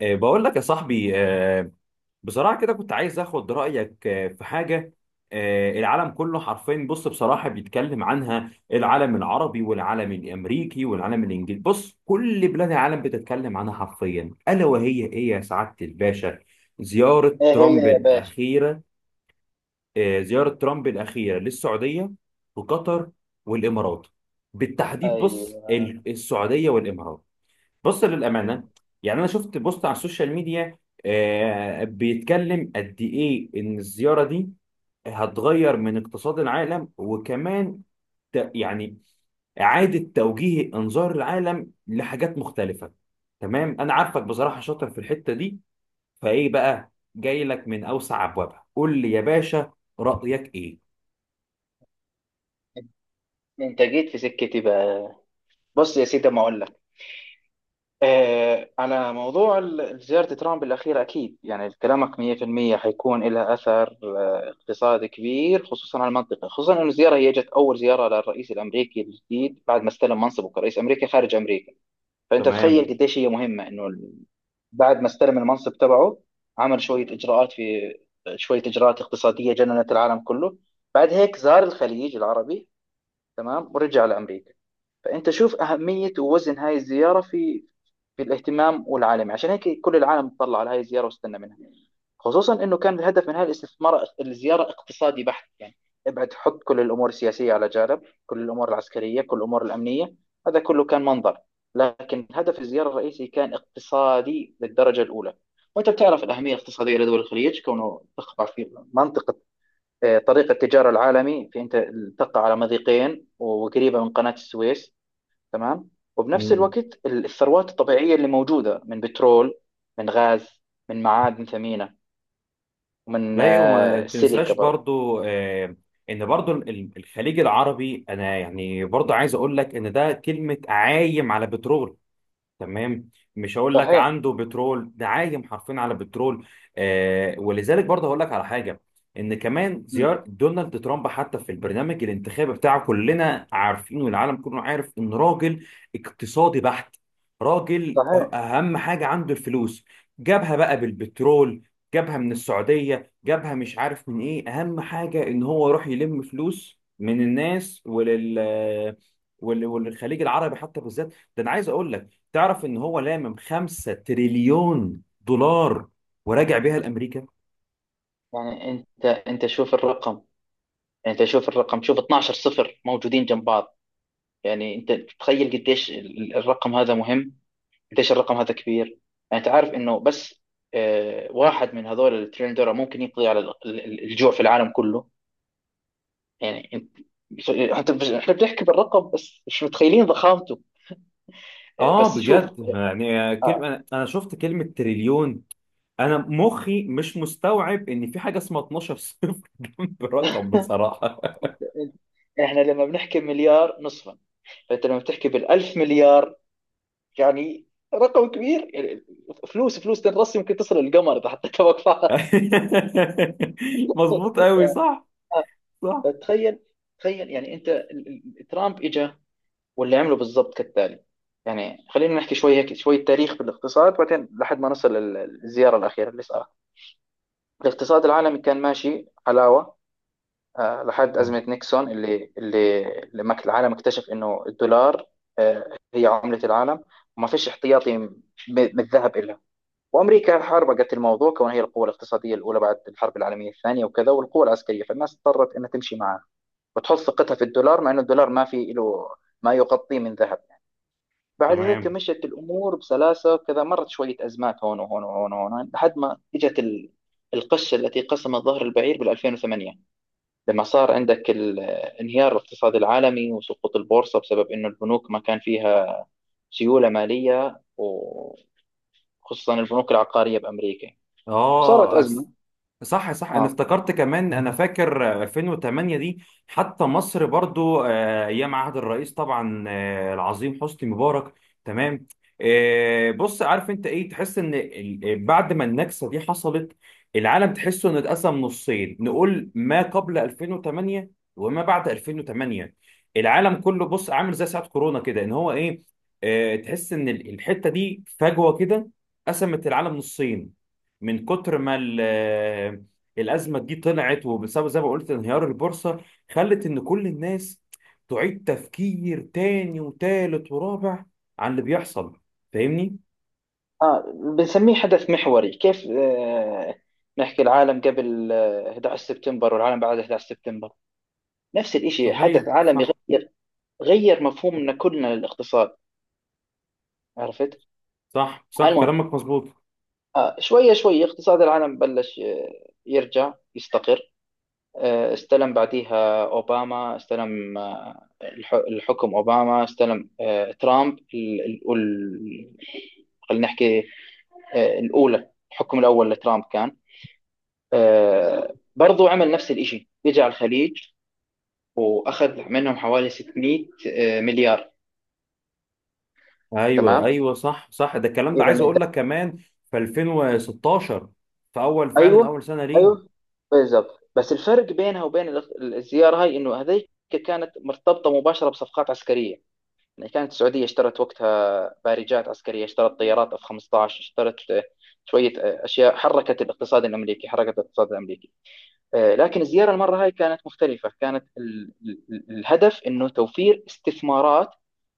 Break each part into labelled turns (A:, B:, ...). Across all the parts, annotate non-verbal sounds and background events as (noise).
A: بقول لك يا صاحبي، بصراحة كده كنت عايز اخد رأيك في حاجة. العالم كله حرفيا، بص، بصراحة بيتكلم عنها، العالم العربي والعالم الامريكي والعالم الانجليزي، بص كل بلاد العالم بتتكلم عنها حرفيا، ألا وهي ايه يا سعادة الباشا؟ زيارة
B: ايه هي
A: ترامب
B: يا باشا؟
A: الأخيرة. زيارة ترامب الأخيرة للسعودية وقطر والإمارات بالتحديد. بص
B: ايوه،
A: السعودية والإمارات. بص
B: ايوه.
A: للأمانة، يعني أنا شفت بوست على السوشيال ميديا بيتكلم قد إيه إن الزيارة دي هتغير من اقتصاد العالم، وكمان يعني إعادة توجيه إنظار العالم لحاجات مختلفة. تمام، أنا عارفك بصراحة شاطر في الحتة دي، فإيه بقى، جاي لك من أوسع أبوابها، قول لي يا باشا، رأيك إيه؟
B: انت جيت في سكتي بقى. بص يا سيدي ما اقول لك. على موضوع زيارة ترامب الأخيرة، أكيد يعني كلامك 100% حيكون لها أثر اقتصادي كبير، خصوصا على المنطقة، خصوصا أن الزيارة هي جت أول زيارة للرئيس الأمريكي الجديد بعد ما استلم منصبه كرئيس أمريكي خارج أمريكا. فأنت تخيل
A: تمام.
B: قديش هي مهمة أنه بعد ما استلم المنصب تبعه، عمل شوية إجراءات في، شوية إجراءات اقتصادية جننت العالم كله. بعد هيك زار الخليج العربي، تمام، ورجع لأمريكا. فأنت شوف أهمية ووزن هاي الزيارة في الاهتمام والعالمي. عشان هيك كل العالم تطلع على هاي الزيارة واستنى منها، خصوصا انه كان الهدف من هاي الاستثمار الزياره اقتصادي بحت. يعني ابعد حط كل الامور السياسيه على جانب، كل الامور العسكريه، كل الامور الامنيه، هذا كله كان منظر، لكن هدف الزياره الرئيسي كان اقتصادي للدرجه الاولى. وانت بتعرف الاهميه الاقتصاديه لدول الخليج كونه تقع في منطقه، طريق التجارة العالمي. في أنت تقع على مضيقين وقريبة من قناة السويس، تمام. وبنفس الوقت الثروات الطبيعية اللي موجودة من بترول، من غاز، من معادن ثمينة، ومن
A: لا وما تنساش
B: سيليكا برضه.
A: برضو، ان برضو الخليج العربي، انا يعني برضو عايز اقول لك ان ده كلمة عايم على بترول. تمام. مش هقول لك
B: صحيح.
A: عنده بترول، ده عايم حرفيا على بترول. آه، ولذلك برضه هقول لك على حاجه، ان كمان
B: مم.
A: زياره دونالد ترامب حتى في البرنامج الانتخابي بتاعه، كلنا عارفين والعالم كله عارف ان راجل اقتصادي بحت. راجل
B: صحيح.
A: اهم حاجه عنده الفلوس. جابها بقى بالبترول، جابها من السعوديه، جابها مش عارف من ايه، اهم حاجه ان هو يروح يلم فلوس من الناس، وللخليج العربي حتى بالذات. ده انا عايز اقول لك، تعرف ان هو لامم 5 تريليون دولار وراجع بيها لامريكا.
B: يعني أنت شوف الرقم، شوف الرقم، شوف 12 صفر موجودين جنب بعض. يعني أنت تتخيل قديش الرقم هذا مهم، قديش الرقم هذا كبير. يعني انت عارف انه بس واحد من هذول التريليون دولار ممكن يقضي على الجوع في العالم كله. يعني احنا بنحكي بالرقم بس مش متخيلين ضخامته.
A: اه،
B: بس شوف.
A: بجد، يعني كلمه،
B: آه،
A: أنا شفت كلمه تريليون، انا مخي مش مستوعب ان في حاجه اسمها 12 صفر جنب رقم بصراحه.
B: احنا لما بنحكي مليار نصفا، فانت لما بتحكي بالألف مليار، يعني رقم كبير يعني. فلوس، فلوس تنرص يمكن تصل القمر اذا حطيتها وقفات.
A: (laughs) مظبوط
B: (laughs)
A: قوي، صح، صح،
B: تخيل، تخيل يعني انت ترامب اجى واللي عمله بالظبط كالتالي. يعني خلينا نحكي شوية هيك، شوية تاريخ بالاقتصاد، بعدين لحد ما نصل للزيارة الأخيرة اللي صارت. الاقتصاد العالمي كان ماشي حلاوة لحد أزمة نيكسون اللي لما العالم اكتشف إنه الدولار هي عملة العالم، وما فيش احتياطي من الذهب إلها. وأمريكا حاربقت الموضوع كونها هي القوة الاقتصادية الأولى بعد الحرب العالمية الثانية وكذا، والقوة العسكرية، فالناس اضطرت إنها تمشي معها وتحط ثقتها في الدولار، مع إنه الدولار ما في له ما يغطيه من ذهب. بعد هيك
A: تمام.
B: مشت الأمور بسلاسة كذا، مرت شوية أزمات هون وهون وهون وهون لحد ما إجت القشة التي قسمت ظهر البعير بال2008. لما صار عندك انهيار الاقتصاد العالمي وسقوط البورصة بسبب إنه البنوك ما كان فيها سيولة مالية، وخصوصا البنوك العقارية بأمريكا، وصارت
A: اه،
B: أزمة.
A: صح صح، انا
B: آه.
A: افتكرت، كمان انا فاكر 2008 دي. حتى مصر برضو ايام عهد الرئيس، طبعا العظيم حسني مبارك. تمام. بص، عارف انت ايه، تحس ان بعد ما النكسة دي حصلت، العالم تحسه انه اتقسم نصين، نقول ما قبل 2008 وما بعد 2008. العالم كله بص عامل زي ساعة كورونا كده، ان هو ايه، تحس ان الحتة دي فجوة كده، قسمت العالم نصين. من كتر ما الازمه دي طلعت، وبسبب زي ما قلت انهيار البورصه، خلت ان كل الناس تعيد تفكير تاني وتالت ورابع عن اللي بيحصل، فاهمني؟
B: آه. بنسميه حدث محوري، كيف نحكي العالم قبل 11 سبتمبر والعالم بعد 11 سبتمبر. نفس الإشي
A: صحيح،
B: حدث عالمي،
A: صح،
B: غير غير مفهومنا كلنا للاقتصاد، عرفت.
A: صح. صح
B: المهم
A: كلامك مظبوط.
B: شوية شوية اقتصاد العالم بلش يرجع يستقر. استلم بعديها أوباما، استلم الحكم أوباما، استلم ترامب خلينا نحكي الأولى. الحكم الأول لترامب كان برضو عمل نفس الإشي، اجى على الخليج وأخذ منهم حوالي 600 مليار.
A: ايوه
B: تمام.
A: ايوه، صح صح، ده الكلام، ده
B: إذا،
A: عايز اقول لك كمان، في 2016، في اول، فعلا
B: ايوه،
A: اول سنه
B: ايوه،
A: ليه.
B: بالظبط. بس الفرق بينها وبين الزياره هاي انه هذيك كانت مرتبطه مباشره بصفقات عسكريه. يعني كانت السعوديه اشترت وقتها بارجات عسكريه، اشترت طيارات اف 15، اشترت شويه اشياء حركت الاقتصاد الامريكي، لكن الزيارة المرة هاي كانت مختلفة. كانت الهدف أنه توفير استثمارات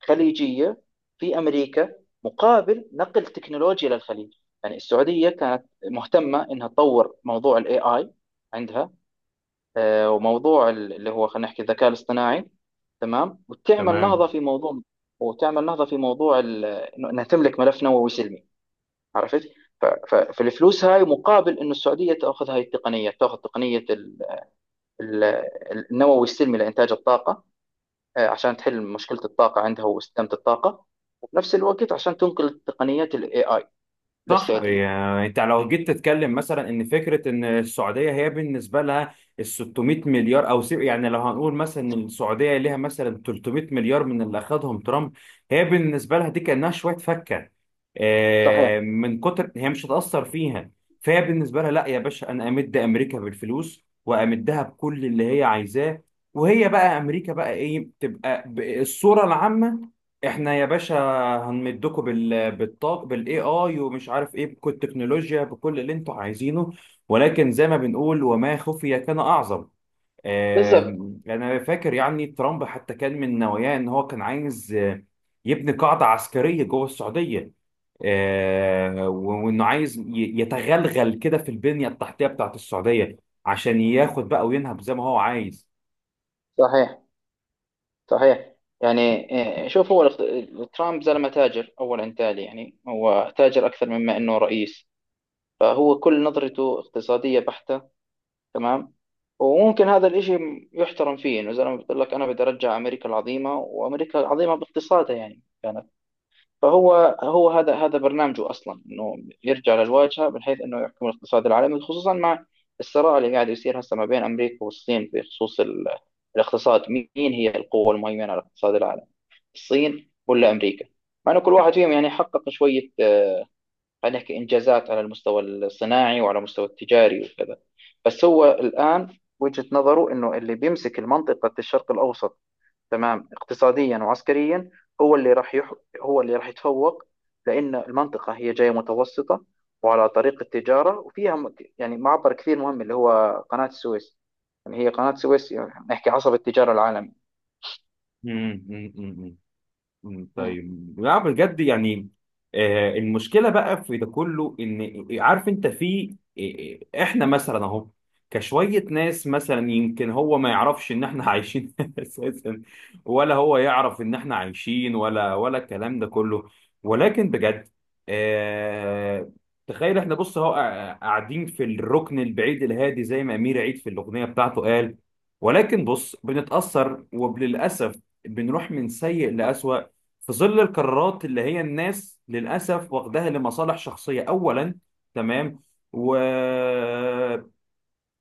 B: خليجية في أمريكا، مقابل نقل تكنولوجيا للخليج. يعني السعودية كانت مهتمة أنها تطور موضوع ال AI عندها، وموضوع اللي هو خلينا نحكي الذكاء الاصطناعي، تمام، وتعمل نهضة
A: تمام.
B: في موضوع، أنها تملك ملف نووي سلمي، عرفت. فالفلوس هاي مقابل أنه السعودية تأخذ هاي التقنية، تأخذ تقنية ال- النووي السلمي لإنتاج الطاقة، عشان تحل مشكلة الطاقة عندها واستدامة الطاقة. وفي نفس الوقت عشان تنقل تقنيات ال AI
A: صح،
B: للسعودية.
A: يعني انت لو جيت تتكلم مثلا ان فكره، ان السعوديه هي بالنسبه لها ال 600 مليار، او يعني لو هنقول مثلا ان السعوديه ليها مثلا 300 مليار من اللي اخذهم ترامب، هي بالنسبه لها دي كانها شويه فكه.
B: صحيح.
A: من كتر، هي مش هتاثر فيها. فهي بالنسبه لها، لا يا باشا، انا امد امريكا بالفلوس وامدها بكل اللي هي عايزاه. وهي بقى امريكا بقى ايه تبقى الصوره العامه، احنا يا باشا هنمدكوا بالاي اي ومش عارف ايه، بكل التكنولوجيا بكل اللي انتوا عايزينه. ولكن زي ما بنقول، وما خفي كان اعظم.
B: بالضبط.
A: انا فاكر يعني ترامب حتى كان من نواياه ان هو كان عايز يبني قاعده عسكريه جوه السعوديه، وانه عايز يتغلغل كده في البنيه التحتيه بتاعت السعوديه، عشان ياخد بقى وينهب زي ما هو عايز.
B: صحيح، صحيح. يعني شوف هو ترامب زلمة تاجر أولا تالي. يعني هو تاجر أكثر مما أنه رئيس، فهو كل نظرته اقتصادية بحتة، تمام. وممكن هذا الإشي يحترم فيه إنه زلمة بيقول لك أنا بدي أرجع أمريكا العظيمة، وأمريكا العظيمة باقتصادها يعني يعني. فهو هذا برنامجه اصلا، انه يرجع للواجهه، من حيث انه يحكم الاقتصاد العالمي، خصوصا مع الصراع اللي قاعد يصير هسه ما بين امريكا والصين بخصوص الاقتصاد. مين هي القوه المهيمنه على الاقتصاد العالمي، الصين ولا امريكا؟ مع انه كل واحد فيهم يعني حقق شويه خلينا نحكي انجازات على المستوى الصناعي وعلى المستوى التجاري وكذا. بس هو الان وجهه نظره انه اللي بيمسك المنطقه الشرق الاوسط، تمام، اقتصاديا وعسكريا، هو اللي راح يح... هو اللي راح يتفوق. لأن المنطقة هي جاية متوسطة وعلى طريق التجارة، وفيها يعني معبر كثير مهم اللي هو قناة السويس. يعني هي قناة السويس يعني نحكي عصب التجارة العالمي.
A: (laughs)
B: مم.
A: طيب، لا بجد يعني. المشكله بقى في ده كله، ان عارف انت، في احنا مثلا اهو، كشويه ناس مثلا، يمكن هو ما يعرفش ان احنا عايشين (laughs) اساسا، ولا هو يعرف ان احنا عايشين، ولا الكلام ده كله. ولكن بجد، آه، تخيل، احنا بص اهو قاعدين في الركن البعيد الهادي زي ما امير عيد في الاغنيه بتاعته قال. ولكن بص بنتاثر، وللاسف بنروح من سيء لأسوأ في ظل القرارات اللي هي الناس للأسف واخداها لمصالح شخصية أولا. تمام. و...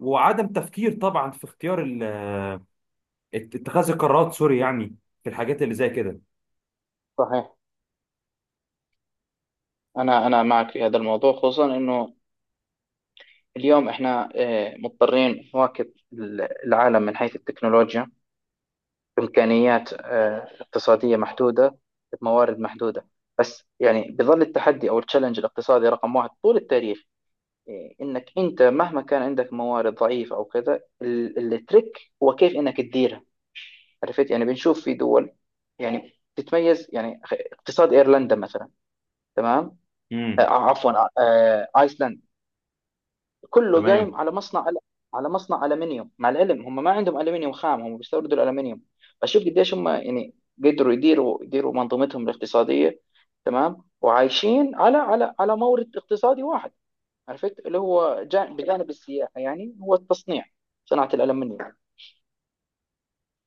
A: وعدم تفكير طبعا في اختيار اتخاذ القرارات، سوري يعني، في الحاجات اللي زي كده.
B: صحيح. أنا معك في هذا الموضوع. خصوصا إنه اليوم إحنا مضطرين نواكب العالم من حيث التكنولوجيا. إمكانيات اقتصادية محدودة، بموارد محدودة. بس يعني بظل التحدي أو التشالنج الاقتصادي رقم واحد طول التاريخ، إيه، إنك أنت مهما كان عندك موارد ضعيفة أو كذا، التريك هو كيف إنك تديرها، عرفت. يعني بنشوف في دول يعني تتميز. يعني اقتصاد ايرلندا مثلا. تمام،
A: امم
B: عفوا، ايسلندا، كله
A: تمام،
B: قايم على مصنع، على مصنع الومنيوم، مع العلم هم ما عندهم الومنيوم خام، هم بيستوردوا الالومنيوم. فشوف قديش هم يعني قدروا يديروا، منظومتهم الاقتصاديه، تمام، وعايشين على مورد اقتصادي واحد، عرفت. اللي هو بجانب السياحه يعني هو التصنيع، صناعه الالومنيوم.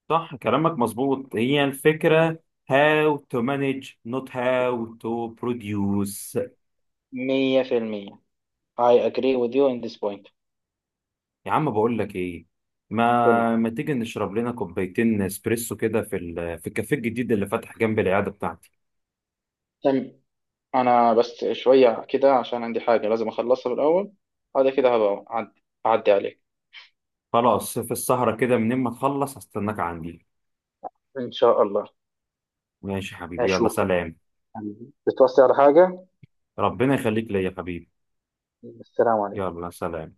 A: صح كلامك مظبوط، هي الفكرة. How to manage, not how to produce.
B: 100% I agree with you in this point.
A: يا عم بقول لك ايه،
B: قل.
A: ما تيجي نشرب لنا كوبايتين اسبريسو كده في الكافيه الجديد اللي فتح جنب العيادة بتاعتي.
B: تم. انا بس شويه كده عشان عندي حاجه لازم اخلصها بالاول. هذا كده هبقى اعدي عليك
A: خلاص، في السهرة كده، منين ما تخلص هستناك عندي.
B: ان شاء الله.
A: ماشي يا حبيبي، يلا
B: اشوفك.
A: سلام.
B: حبيبي، بتوصي على حاجة؟
A: ربنا يخليك ليا يا حبيبي.
B: السلام عليكم.
A: يلا سلام.